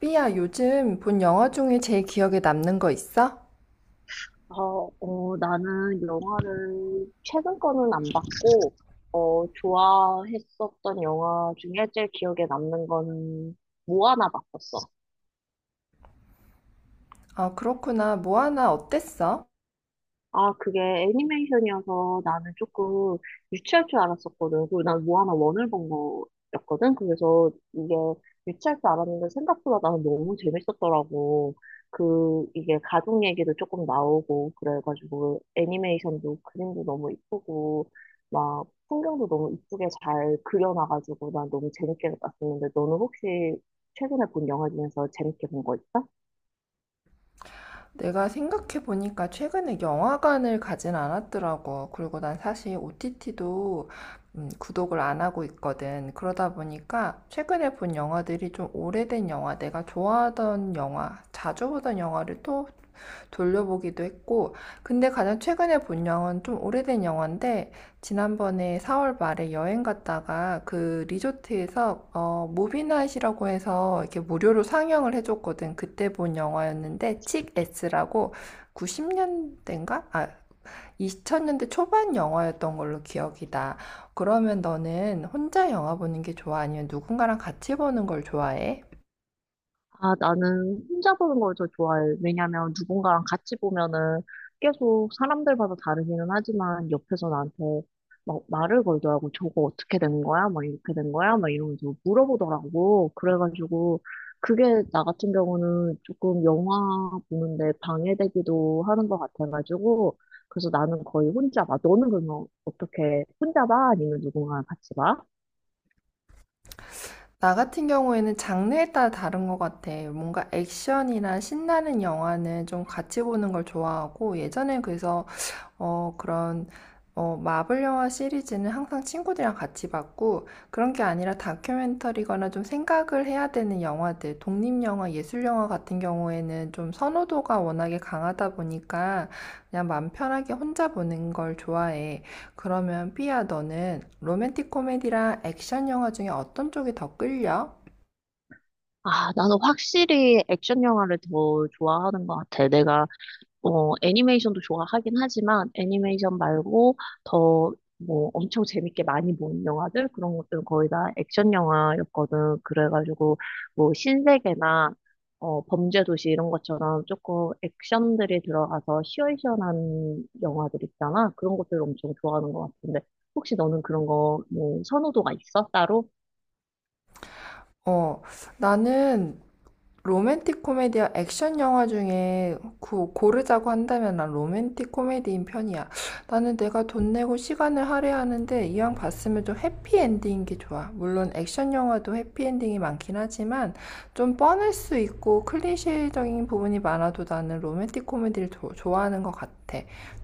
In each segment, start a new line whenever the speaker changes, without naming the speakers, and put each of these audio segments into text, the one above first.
삐야, 요즘 본 영화 중에 제일 기억에 남는 거 있어?
나는 영화를 최근 거는 안 봤고, 좋아했었던 영화 중에 제일 기억에 남는 거는 모아나 봤었어.
아, 그렇구나. 모아나 어땠어?
아, 그게 애니메이션이어서 나는 조금 유치할 줄 알았었거든. 그리고 난 모아나 원을 본 거였거든. 그래서 이게 유치할 줄 알았는데 생각보다 나는 너무 재밌었더라고. 그, 이게 가족 얘기도 조금 나오고, 그래가지고 애니메이션도 그림도 너무 이쁘고, 막 풍경도 너무 이쁘게 잘 그려놔가지고 난 너무 재밌게 봤었는데, 너는 혹시 최근에 본 영화 중에서 재밌게 본 거 있어?
내가 생각해보니까 최근에 영화관을 가진 않았더라고. 그리고 난 사실 OTT도 구독을 안 하고 있거든. 그러다 보니까 최근에 본 영화들이 좀 오래된 영화, 내가 좋아하던 영화, 자주 보던 영화를 또 돌려보기도 했고, 근데 가장 최근에 본 영화는 좀 오래된 영화인데, 지난번에 4월 말에 여행 갔다가 그 리조트에서 무비나잇이라고 해서 이렇게 무료로 상영을 해줬거든. 그때 본 영화였는데, 칙 S라고 90년대인가? 아, 2000년대 초반 영화였던 걸로 기억이 나. 그러면 너는 혼자 영화 보는 게 좋아? 아니면 누군가랑 같이 보는 걸 좋아해?
아, 나는 혼자 보는 걸 더 좋아해. 왜냐면 누군가랑 같이 보면은 계속 사람들마다 다르기는 하지만 옆에서 나한테 막 말을 걸더라고. 저거 어떻게 된 거야? 막 이렇게 된 거야? 막 이러면서 물어보더라고. 그래가지고 그게 나 같은 경우는 조금 영화 보는데 방해되기도 하는 것 같아가지고 그래서 나는 거의 혼자 봐. 너는 그러면 어떻게 혼자 봐? 아니면 누군가랑 같이 봐?
나 같은 경우에는 장르에 따라 다른 것 같아. 뭔가 액션이나 신나는 영화는 좀 같이 보는 걸 좋아하고, 예전에 그래서, 어, 그런, 어, 마블 영화 시리즈는 항상 친구들이랑 같이 봤고, 그런 게 아니라 다큐멘터리거나 좀 생각을 해야 되는 영화들, 독립영화, 예술영화 같은 경우에는 좀 선호도가 워낙에 강하다 보니까, 그냥 마음 편하게 혼자 보는 걸 좋아해. 그러면 삐아 너는 로맨틱 코미디랑 액션 영화 중에 어떤 쪽이 더 끌려?
아, 나는 확실히 액션 영화를 더 좋아하는 것 같아. 내가 애니메이션도 좋아하긴 하지만 애니메이션 말고 더 뭐 엄청 재밌게 많이 본 영화들 그런 것들은 거의 다 액션 영화였거든. 그래가지고 뭐 신세계나 범죄도시 이런 것처럼 조금 액션들이 들어가서 시원시원한 영화들 있잖아. 그런 것들 엄청 좋아하는 것 같은데 혹시 너는 그런 거 뭐 선호도가 있어? 따로?
어, 나는 로맨틱 코미디와 액션 영화 중에 고르자고 한다면 난 로맨틱 코미디인 편이야. 나는 내가 돈 내고 시간을 할애하는데 이왕 봤으면 좀 해피엔딩인 게 좋아. 물론 액션 영화도 해피엔딩이 많긴 하지만 좀 뻔할 수 있고 클리셰적인 부분이 많아도 나는 로맨틱 코미디를 좋아하는 것 같아.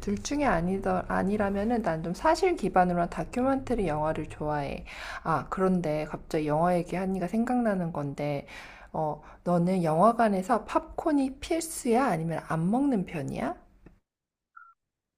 둘 중에 아니라면은 난 좀 사실 기반으로 한 다큐멘터리 영화를 좋아해. 아, 그런데 갑자기 영화 얘기하니까 생각나는 건데, 어, 너는 영화관에서 팝콘이 필수야? 아니면 안 먹는 편이야?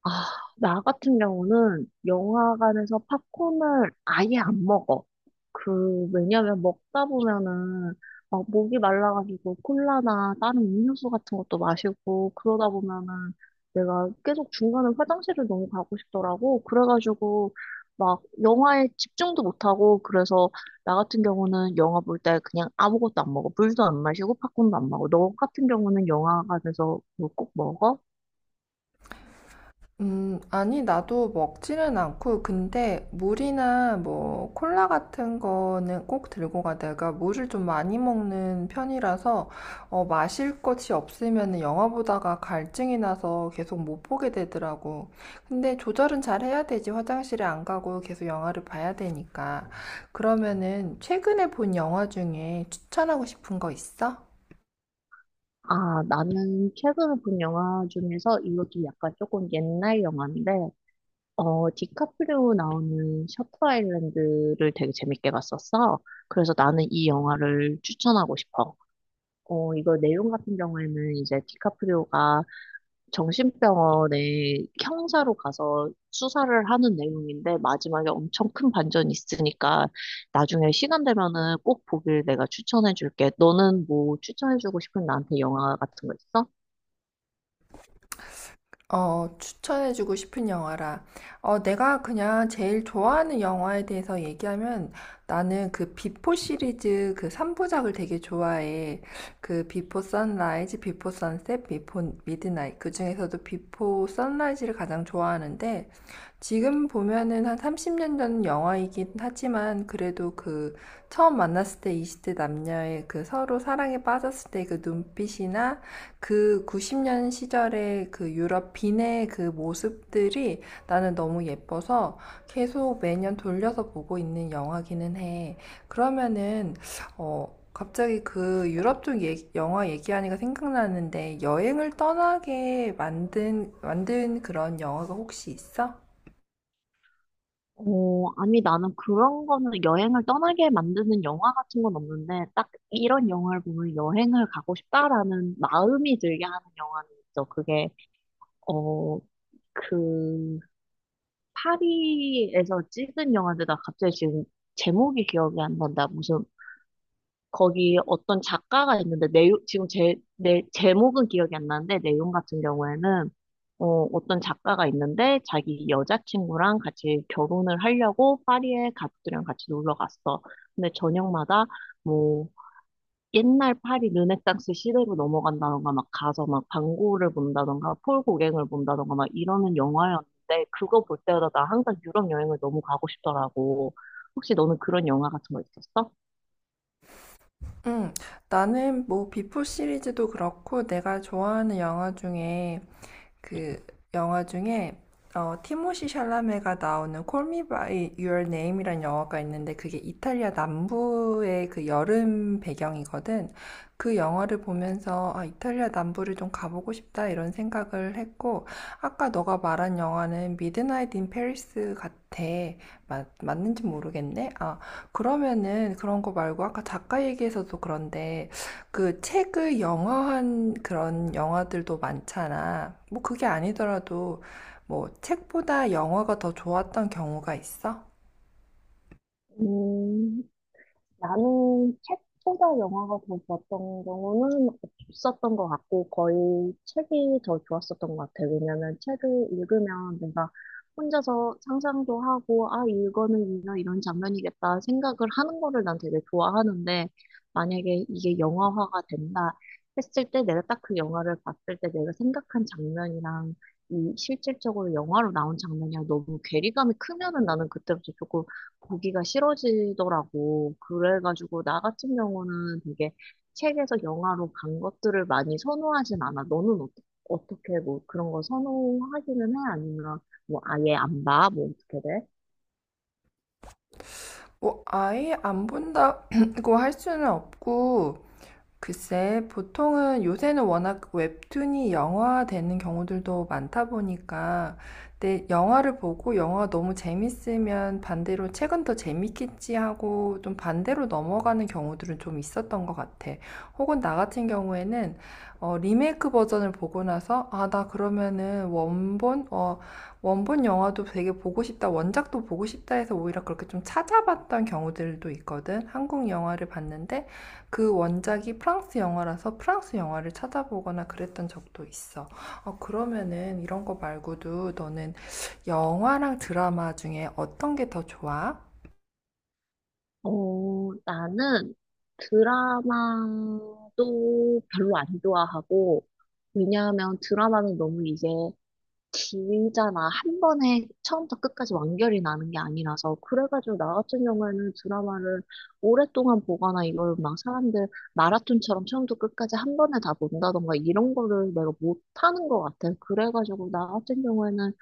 아, 나 같은 경우는 영화관에서 팝콘을 아예 안 먹어. 그, 왜냐면 먹다 보면은 막 목이 말라가지고 콜라나 다른 음료수 같은 것도 마시고 그러다 보면은 내가 계속 중간에 화장실을 너무 가고 싶더라고. 그래가지고 막 영화에 집중도 못하고 그래서 나 같은 경우는 영화 볼 때 그냥 아무것도 안 먹어. 물도 안 마시고 팝콘도 안 먹어. 너 같은 경우는 영화관에서 뭐꼭 먹어?
아니, 나도 먹지는 않고, 근데 물이나 뭐 콜라 같은 거는 꼭 들고 가. 내가 물을 좀 많이 먹는 편이라서, 마실 것이 없으면 영화 보다가 갈증이 나서 계속 못 보게 되더라고. 근데 조절은 잘 해야 되지. 화장실에 안 가고 계속 영화를 봐야 되니까. 그러면은 최근에 본 영화 중에 추천하고 싶은 거 있어?
아, 나는 최근에 본 영화 중에서 이것도 약간 조금 옛날 영화인데, 디카프리오 나오는 셔터 아일랜드를 되게 재밌게 봤었어. 그래서 나는 이 영화를 추천하고 싶어. 어, 이거 내용 같은 경우에는 이제 디카프리오가 정신병원에 형사로 가서 수사를 하는 내용인데, 마지막에 엄청 큰 반전이 있으니까, 나중에 시간 되면은 꼭 보길 내가 추천해줄게. 너는 뭐 추천해주고 싶은 나한테 영화 같은 거 있어?
추천해주고 싶은 영화라. 내가 그냥 제일 좋아하는 영화에 대해서 얘기하면 나는 그 비포 시리즈 그 3부작을 되게 좋아해. 그 비포 선라이즈, 비포 선셋, 비포 미드나잇. 그 중에서도 비포 선라이즈를 가장 좋아하는데 지금 보면은 한 30년 전 영화이긴 하지만 그래도 그 처음 만났을 때 20대 남녀의 그 서로 사랑에 빠졌을 때 그 눈빛이나 그 90년 시절의 그 유럽 빈의 그 모습들이 나는 너무 예뻐서 계속 매년 돌려서 보고 있는 영화기는 해. 그러면은 갑자기 그 유럽 쪽 영화 얘기하니까 생각나는데 여행을 떠나게 만든 그런 영화가 혹시 있어?
어, 아니, 나는 그런 거는 여행을 떠나게 만드는 영화 같은 건 없는데, 딱 이런 영화를 보면 여행을 가고 싶다라는 마음이 들게 하는 영화는 있어. 그게, 어, 그, 파리에서 찍은 영화인데, 나 갑자기 지금 제목이 기억이 안 난다. 무슨 거기 어떤 작가가 있는데 내용 지금 제, 내 제목은 기억이 안 나는데 내용 같은 경우에는 어, 어떤 작가가 있는데 자기 여자친구랑 같이 결혼을 하려고 파리에 가족들이랑 같이 놀러 갔어. 근데 저녁마다 뭐 옛날 파리 르네상스 시대로 넘어간다던가 막 가서 막 방고를 본다던가 폴 고갱을 본다던가 막 이러는 영화였는데 그거 볼 때마다 나 항상 유럽 여행을 너무 가고 싶더라고. 혹시 너는 그런 영화 같은 거 있었어?
음, 나는 뭐 비포 시리즈도 그렇고 내가 좋아하는 영화 중에 그 영화 중에 티모시 샬라메가 나오는 Call Me By Your Name이라는 영화가 있는데 그게 이탈리아 남부의 그 여름 배경이거든. 그 영화를 보면서 아, 이탈리아 남부를 좀 가보고 싶다 이런 생각을 했고 아까 너가 말한 영화는 미드나잇 인 페리스 같아. 맞는지 모르겠네. 아, 그러면은 그런 거 말고 아까 작가 얘기에서도 그런데 그 책을 영화한 그런 영화들도 많잖아. 뭐 그게 아니더라도 뭐 책보다 영화가 더 좋았던 경우가 있어?
음. 나는 책보다 영화가 더 좋았던 경우는 없었던 것 같고, 거의 책이 더 좋았었던 것 같아요. 왜냐면 책을 읽으면 내가 혼자서 상상도 하고, 아, 이거는 이런, 장면이겠다 생각을 하는 거를 난 되게 좋아하는데, 만약에 이게 영화화가 된다 했을 때 내가 딱 그 영화를 봤을 때 내가 생각한 장면이랑 이 실질적으로 영화로 나온 장면이랑 너무 괴리감이 크면은 나는 그때부터 조금 보기가 싫어지더라고. 그래가지고 나 같은 경우는 되게 책에서 영화로 간 것들을 많이 선호하진 않아. 너는 어떠, 어떻게 뭐 그런 거 선호하기는 해? 아니면 뭐 아예 안 봐? 뭐 어떻게 돼?
뭐 아예 안 본다고 할 수는 없고 글쎄, 보통은 요새는 워낙 웹툰이 영화화되는 경우들도 많다 보니까, 근데 영화를 보고 영화가 너무 재밌으면 반대로 책은 더 재밌겠지 하고 좀 반대로 넘어가는 경우들은 좀 있었던 것 같아. 혹은 나 같은 경우에는 리메이크 버전을 보고 나서, 아, 나 그러면은 원본 영화도 되게 보고 싶다, 원작도 보고 싶다 해서 오히려 그렇게 좀 찾아봤던 경우들도 있거든. 한국 영화를 봤는데, 그 원작이 프랑스 영화라서 프랑스 영화를 찾아보거나 그랬던 적도 있어. 그러면은 이런 거 말고도 너는 영화랑 드라마 중에 어떤 게 더 좋아?
어, 나는 드라마도 별로 안 좋아하고, 왜냐하면 드라마는 너무 이제 길잖아. 한 번에 처음부터 끝까지 완결이 나는 게 아니라서. 그래가지고 나 같은 경우에는 드라마를 오랫동안 보거나 이걸 막 사람들 마라톤처럼 처음부터 끝까지 한 번에 다 본다던가 이런 거를 내가 못하는 것 같아. 그래가지고 나 같은 경우에는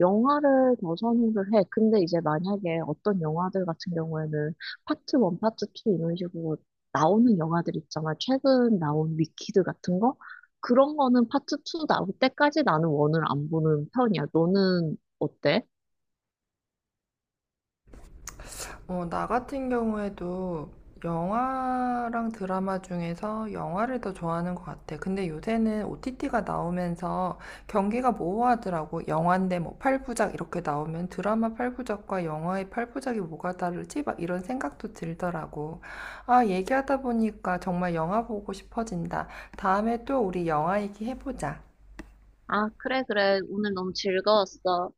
영화를 더 선호를 해. 근데 이제 만약에 어떤 영화들 같은 경우에는 파트 원 파트 투 이런 식으로 나오는 영화들 있잖아. 최근 나온 위키드 같은 거? 그런 거는 파트 2 나올 때까지 나는 원을 안 보는 편이야. 너는 어때?
나 같은 경우에도 영화랑 드라마 중에서 영화를 더 좋아하는 것 같아. 근데 요새는 OTT가 나오면서 경기가 모호하더라고. 영화인데 뭐 8부작 이렇게 나오면 드라마 8부작과 영화의 8부작이 뭐가 다르지? 막 이런 생각도 들더라고. 아, 얘기하다 보니까 정말 영화 보고 싶어진다. 다음에 또 우리 영화 얘기해보자.
아, 그래, 그래. 오늘 너무 즐거웠어.